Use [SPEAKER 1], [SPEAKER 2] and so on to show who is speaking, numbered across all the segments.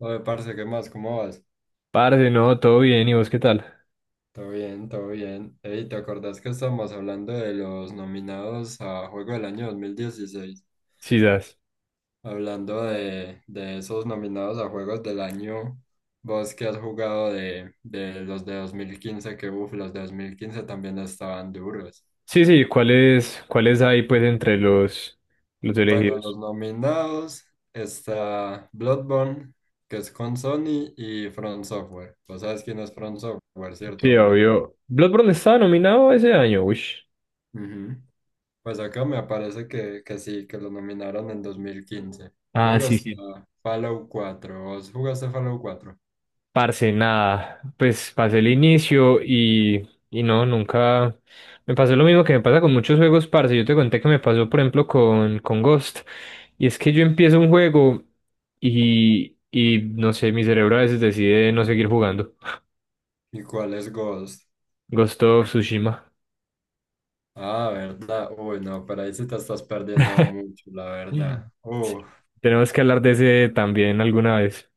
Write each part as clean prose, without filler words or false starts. [SPEAKER 1] Oye, parce, ¿qué más? ¿Cómo vas?
[SPEAKER 2] Parce, no, todo bien, ¿y vos qué tal?
[SPEAKER 1] Todo bien, todo bien. Ey, ¿te acordás que estábamos hablando de los nominados a Juego del Año 2016?
[SPEAKER 2] Sí, das.
[SPEAKER 1] Hablando de esos nominados a Juegos del Año, vos que has jugado de los de 2015, que uff, los de 2015 también estaban duros.
[SPEAKER 2] Sí, sí, ¿cuáles hay pues entre los
[SPEAKER 1] Bueno, los
[SPEAKER 2] elegidos?
[SPEAKER 1] nominados está Bloodborne, que es con Sony, y From Software. Vos sabes quién es From Software, ¿cierto?
[SPEAKER 2] Sí,
[SPEAKER 1] Obvio.
[SPEAKER 2] obvio. Bloodborne estaba nominado ese año, uy.
[SPEAKER 1] Ujú. Pues acá me aparece que sí, que lo nominaron en 2015.
[SPEAKER 2] Ah,
[SPEAKER 1] Luego
[SPEAKER 2] sí,
[SPEAKER 1] está
[SPEAKER 2] sí.
[SPEAKER 1] Fallout 4. ¿Vos jugaste Fallout 4?
[SPEAKER 2] Parce, nada, pues pasé el inicio y no, nunca me pasó lo mismo que me pasa con muchos juegos, parce. Yo te conté que me pasó, por ejemplo, con Ghost. Y es que yo empiezo un juego y no sé, mi cerebro a veces decide no seguir jugando.
[SPEAKER 1] ¿Y cuál es Ghost?
[SPEAKER 2] Ghost of Tsushima.
[SPEAKER 1] Ah, ¿verdad? Uy, no, pero ahí sí te estás perdiendo de mucho, la verdad. Uf,
[SPEAKER 2] Tenemos que hablar de ese también alguna vez.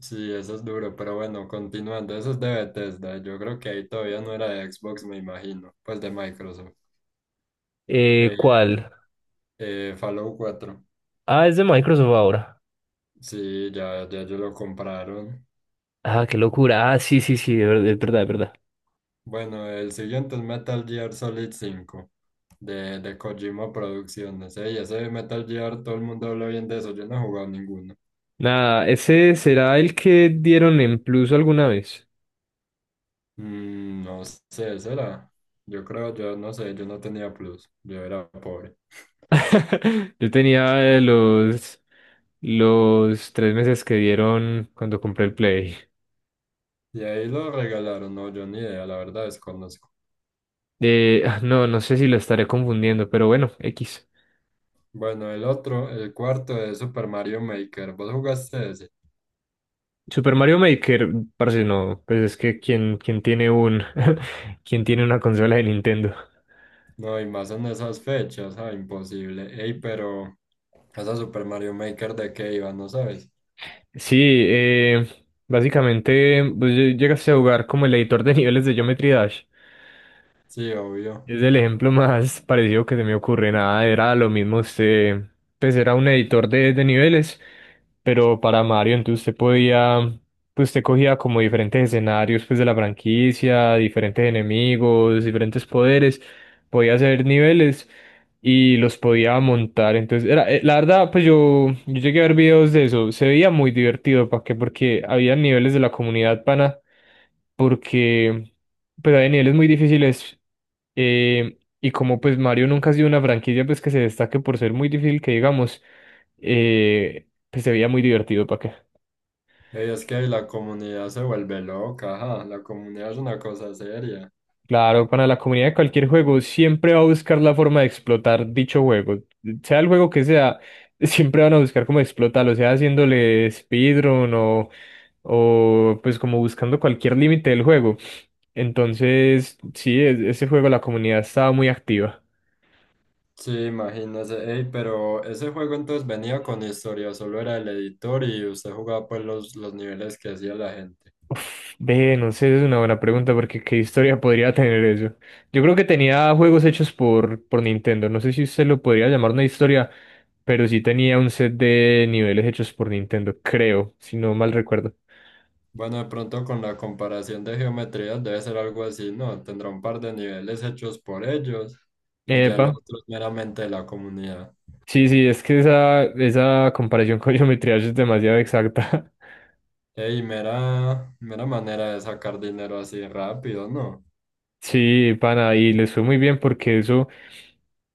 [SPEAKER 1] sí, eso es duro, pero bueno, continuando. Eso es de Bethesda. Yo creo que ahí todavía no era de Xbox, me imagino. Pues de Microsoft. Eh,
[SPEAKER 2] ¿Cuál?
[SPEAKER 1] Fallout 4.
[SPEAKER 2] Ah, es de Microsoft ahora.
[SPEAKER 1] Sí, ya, ya, ya lo compraron.
[SPEAKER 2] Ah, qué locura. Ah, sí, sí, sí, de verdad, de verdad, de verdad.
[SPEAKER 1] Bueno, el siguiente es Metal Gear Solid 5 de Kojima Producciones. Ey, ese Metal Gear, todo el mundo habla bien de eso. Yo no he jugado ninguno.
[SPEAKER 2] Nada, ese será el que dieron en Plus alguna vez.
[SPEAKER 1] No sé, será. Yo creo, yo no sé, yo no tenía plus. Yo era pobre.
[SPEAKER 2] Yo tenía los tres meses que dieron cuando compré el Play.
[SPEAKER 1] Y ahí lo regalaron, no, yo ni idea, la verdad desconozco.
[SPEAKER 2] Ah, no, no sé si lo estaré confundiendo, pero bueno, X.
[SPEAKER 1] Bueno, el otro, el cuarto es Super Mario Maker. ¿Vos jugaste ese?
[SPEAKER 2] Super Mario Maker, parece no, pues es que quien tiene un, quien tiene una consola de Nintendo.
[SPEAKER 1] No, y más en esas fechas, ah, imposible. Ey, pero esa Super Mario Maker de qué iba, ¿no sabes?
[SPEAKER 2] Sí, eh, básicamente pues, llegaste a jugar como el editor de niveles de Geometry Dash.
[SPEAKER 1] Sí, obvio.
[SPEAKER 2] Es el ejemplo más parecido que se me ocurre. Nada, era lo mismo. Usted, pues era un editor de niveles pero para Mario, entonces usted podía, pues usted cogía como diferentes escenarios pues de la franquicia, diferentes enemigos, diferentes poderes, podía hacer niveles y los podía montar. Entonces, era, la verdad, pues yo llegué a ver videos de eso, se veía muy divertido, ¿para qué? Porque había niveles de la comunidad pana, porque pues había niveles muy difíciles. eh, y como pues Mario nunca ha sido una franquicia pues que se destaque por ser muy difícil que digamos, pues se veía muy divertido, ¿para qué?
[SPEAKER 1] Ey, es que la comunidad se vuelve loca, ajá, la comunidad es una cosa seria.
[SPEAKER 2] Claro, para la comunidad de cualquier juego siempre va a buscar la forma de explotar dicho juego. Sea el juego que sea, siempre van a buscar cómo explotarlo, sea haciéndole speedrun o pues como buscando cualquier límite del juego. Entonces, sí, ese juego la comunidad estaba muy activa.
[SPEAKER 1] Sí, imagínese, ey, pero ese juego entonces venía con historia, solo era el editor y usted jugaba pues los niveles que hacía la gente.
[SPEAKER 2] Uf, Ve, no sé, es una buena pregunta porque qué historia podría tener eso. Yo creo que tenía juegos hechos por Nintendo. No sé si se lo podría llamar una historia, pero sí tenía un set de niveles hechos por Nintendo, creo, si no mal recuerdo.
[SPEAKER 1] Bueno, de pronto con la comparación de geometrías debe ser algo así, ¿no? Tendrá un par de niveles hechos por ellos y ya lo
[SPEAKER 2] Epa,
[SPEAKER 1] otro es meramente de la comunidad.
[SPEAKER 2] sí, sí, es que esa comparación con Geometry Dash es demasiado exacta.
[SPEAKER 1] Ey, mera, mera manera de sacar dinero así rápido, ¿no?
[SPEAKER 2] Sí, pana, y les fue muy bien porque eso,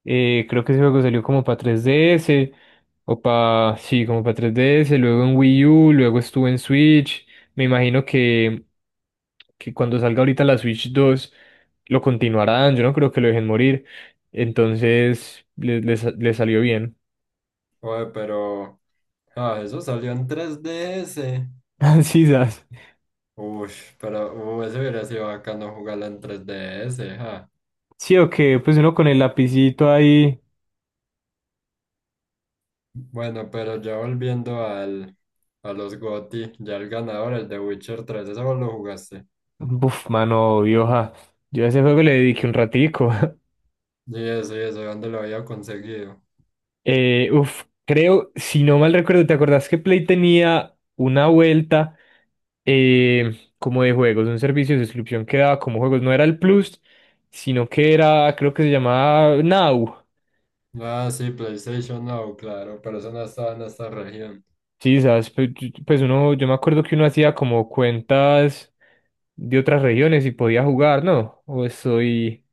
[SPEAKER 2] creo que ese juego salió como para 3DS, o para, sí, como para 3DS, luego en Wii U, luego estuvo en Switch. Me imagino que cuando salga ahorita la Switch 2 lo continuarán, yo no creo que lo dejen morir. Entonces, les salió bien.
[SPEAKER 1] Oye, pero... Ah, eso salió en 3DS.
[SPEAKER 2] Sí, sas.
[SPEAKER 1] Uy, pero eso hubiera sido bacano jugarla en 3DS, ja.
[SPEAKER 2] Sí, o que pues uno con el lapicito ahí.
[SPEAKER 1] Bueno, pero ya volviendo a los GOTY, ya el ganador, el de Witcher 3, eso vos lo jugaste.
[SPEAKER 2] Buf, mano, vieja. Yo a ese juego le dediqué un ratico.
[SPEAKER 1] Y eso, ¿dónde lo había conseguido?
[SPEAKER 2] Uf, creo, si no mal recuerdo, ¿te acordás que Play tenía una vuelta como de juegos, un servicio de suscripción que daba como juegos? No era el Plus, sino que era, creo que se llamaba Now.
[SPEAKER 1] Ah, sí, PlayStation Now, claro, pero eso no estaba en esta región.
[SPEAKER 2] Sí, sabes, pues uno, yo me acuerdo que uno hacía como cuentas de otras regiones y podía jugar, ¿no? O estoy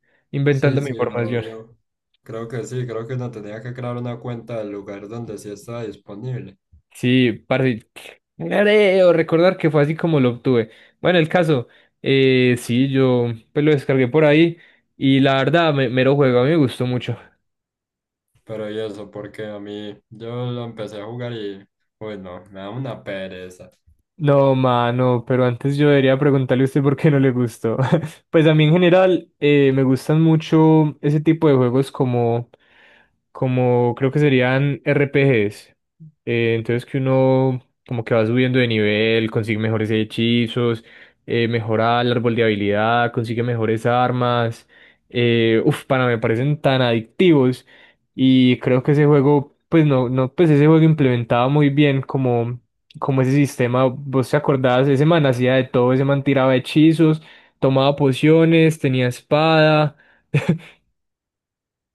[SPEAKER 1] Sí,
[SPEAKER 2] inventando mi
[SPEAKER 1] sí,
[SPEAKER 2] información.
[SPEAKER 1] obvio. Creo que sí, creo que uno tenía que crear una cuenta del lugar donde sí estaba disponible.
[SPEAKER 2] Sí, parce, creo recordar que fue así como lo obtuve. Bueno, el caso, sí, yo pues lo descargué por ahí y la verdad, me, mero juego, a mí me gustó mucho.
[SPEAKER 1] Pero y eso, porque a mí, yo lo empecé a jugar y, bueno, me da una pereza.
[SPEAKER 2] No, mano, pero antes yo debería preguntarle a usted por qué no le gustó. Pues a mí en general me gustan mucho ese tipo de juegos como creo que serían RPGs. Entonces que uno como que va subiendo de nivel, consigue mejores hechizos, mejora el árbol de habilidad, consigue mejores armas. Uf, pana, me parecen tan adictivos. Y creo que ese juego, pues no, no, pues ese juego implementaba muy bien como ese sistema, vos te acordás, ese man hacía de todo, ese man tiraba hechizos, tomaba pociones, tenía espada.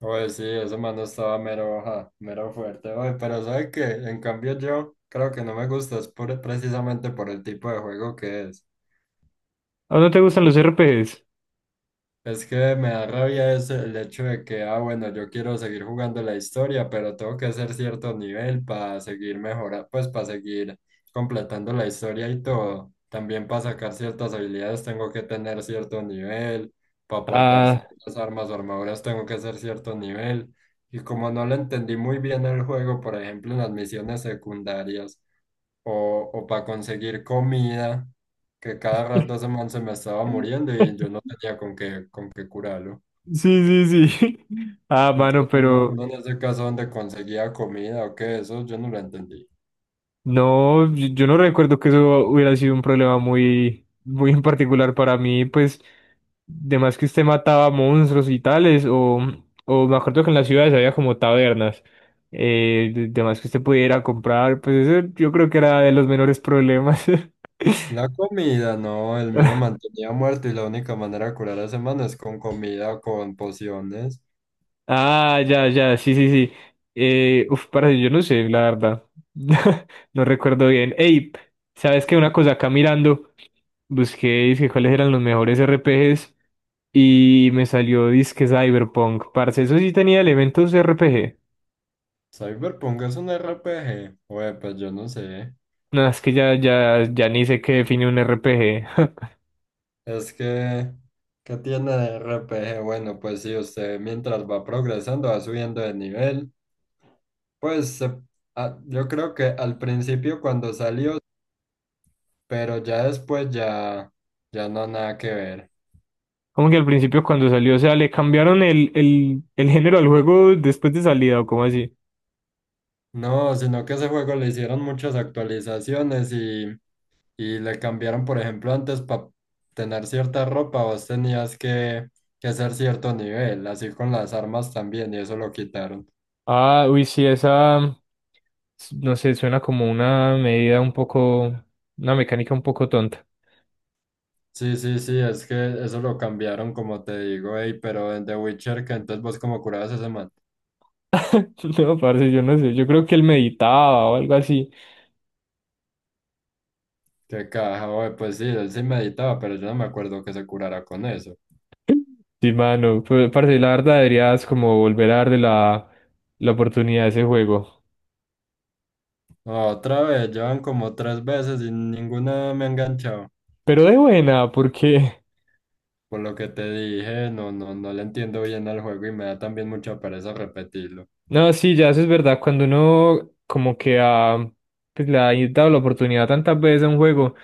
[SPEAKER 1] Oye, sí, ese mano estaba mero, ajá, mero fuerte, oye, pero ¿sabe qué? En cambio yo creo que no me gusta, es precisamente por el tipo de juego que es.
[SPEAKER 2] ¿A no te gustan los RPGs?
[SPEAKER 1] Es que me da rabia es el hecho de que, ah, bueno, yo quiero seguir jugando la historia, pero tengo que hacer cierto nivel para seguir mejorando, pues para seguir completando la historia y todo. También para sacar ciertas habilidades tengo que tener cierto nivel, para portar
[SPEAKER 2] Ah,
[SPEAKER 1] ciertas armas o armaduras tengo que hacer cierto nivel. Y como no le entendí muy bien el juego, por ejemplo, en las misiones secundarias o para conseguir comida, que cada rato ese man se me estaba muriendo y yo no tenía con qué curarlo.
[SPEAKER 2] sí, sí, sí. Ah, mano,
[SPEAKER 1] Entonces uno,
[SPEAKER 2] pero
[SPEAKER 1] uno en ese caso donde conseguía comida o qué, eso yo no lo entendí.
[SPEAKER 2] no, yo no recuerdo que eso hubiera sido un problema muy, muy en particular para mí, pues, de más que usted mataba monstruos y tales, o me acuerdo que en las ciudades había como tabernas, de más que usted pudiera comprar, pues eso yo creo que era de los menores problemas.
[SPEAKER 1] La comida, no, el mío mantenía muerto y la única manera de curar a ese man es con comida o con pociones.
[SPEAKER 2] Ah, ya, ya, sí, sí, sí. Uf, para yo no sé, la verdad. No recuerdo bien. Ey, ¿sabes qué? Una cosa acá mirando, busqué, dije cuáles eran los mejores R P RPGs y me salió disque Cyberpunk. Parce, eso sí tenía elementos R P G.
[SPEAKER 1] Cyberpunk es un RPG. Oye, pues yo no sé.
[SPEAKER 2] No, es que ya, ya, ya ni sé qué define un R P G.
[SPEAKER 1] Es que, ¿qué tiene de RPG? Bueno, pues sí, usted mientras va progresando, va subiendo de nivel. Pues yo creo que al principio cuando salió, pero ya después ya, ya no nada que ver.
[SPEAKER 2] Como que al principio cuando salió, o sea, le cambiaron el, el género al juego después de salida, o cómo así.
[SPEAKER 1] No, sino que ese juego le hicieron muchas actualizaciones y le cambiaron, por ejemplo, antes para tener cierta ropa, vos tenías que, hacer cierto nivel, así con las armas también, y eso lo quitaron.
[SPEAKER 2] Ah, uy, sí, esa, no sé, suena como una medida un poco, una mecánica un poco tonta.
[SPEAKER 1] Sí, sí, sí, es que eso lo cambiaron, como te digo, ey, pero en The Witcher, que entonces vos como curabas a ese man.
[SPEAKER 2] No, parce, yo no sé, yo creo que él meditaba o algo así.
[SPEAKER 1] Qué caja, güey, pues sí, él sí meditaba, pero yo no me acuerdo que se curara con eso.
[SPEAKER 2] Sí, mano, pues, parce, la verdad deberías como volver a darle la oportunidad a ese juego.
[SPEAKER 1] Otra vez, llevan como tres veces y ninguna me ha enganchado.
[SPEAKER 2] Pero de buena, porque...
[SPEAKER 1] Por lo que te dije, no, no, no le entiendo bien al juego y me da también mucha pereza repetirlo.
[SPEAKER 2] No, sí, ya eso es verdad. Cuando uno como que ha, pues, le ha dado la oportunidad tantas veces a un juego,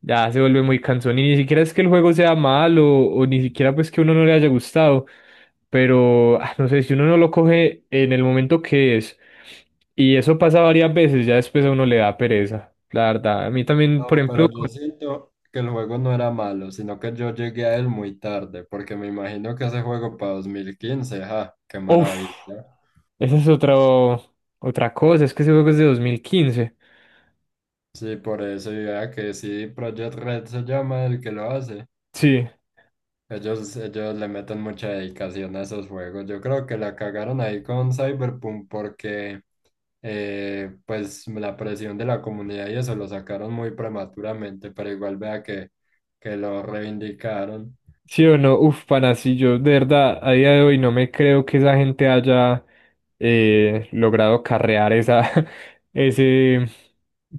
[SPEAKER 2] ya se vuelve muy cansón. Y ni siquiera es que el juego sea malo o ni siquiera pues que a uno no le haya gustado. Pero, ah, no sé, si uno no lo coge en el momento que es, y eso pasa varias veces, ya después a uno le da pereza. La verdad, a mí también, por
[SPEAKER 1] No,
[SPEAKER 2] ejemplo,
[SPEAKER 1] pero yo
[SPEAKER 2] con...
[SPEAKER 1] siento que el juego no era malo, sino que yo llegué a él muy tarde, porque me imagino que ese juego para 2015 ja, qué
[SPEAKER 2] Uf,
[SPEAKER 1] maravilla.
[SPEAKER 2] esa es otra cosa, es que ese juego es de 2015.
[SPEAKER 1] Sí, por eso, ya que sí, Project Red se llama el que lo hace.
[SPEAKER 2] Sí.
[SPEAKER 1] Ellos le meten mucha dedicación a esos juegos. Yo creo que la cagaron ahí con Cyberpunk porque pues la presión de la comunidad y eso lo sacaron muy prematuramente, pero igual vea que lo reivindicaron.
[SPEAKER 2] Sí o no, uf, pana, sí, yo de verdad a día de hoy no me creo que esa gente haya logrado carrear esa, ese,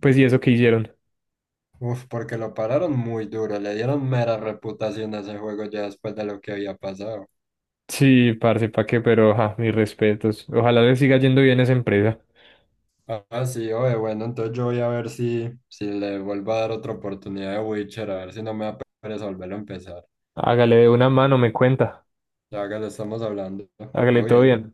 [SPEAKER 2] pues y eso que hicieron.
[SPEAKER 1] Uf, porque lo pararon muy duro, le dieron mera reputación a ese juego ya después de lo que había pasado.
[SPEAKER 2] Sí, parce, pa' qué, pero ja, mis respetos. Ojalá le siga yendo bien a esa empresa.
[SPEAKER 1] Ah, sí, oye, bueno, entonces yo voy a ver si le vuelvo a dar otra oportunidad de Witcher, a ver si no me da pereza volverlo a empezar.
[SPEAKER 2] Hágale de una mano, me cuenta.
[SPEAKER 1] Ya que le estamos hablando,
[SPEAKER 2] Hágale
[SPEAKER 1] todo
[SPEAKER 2] todo
[SPEAKER 1] bien.
[SPEAKER 2] bien.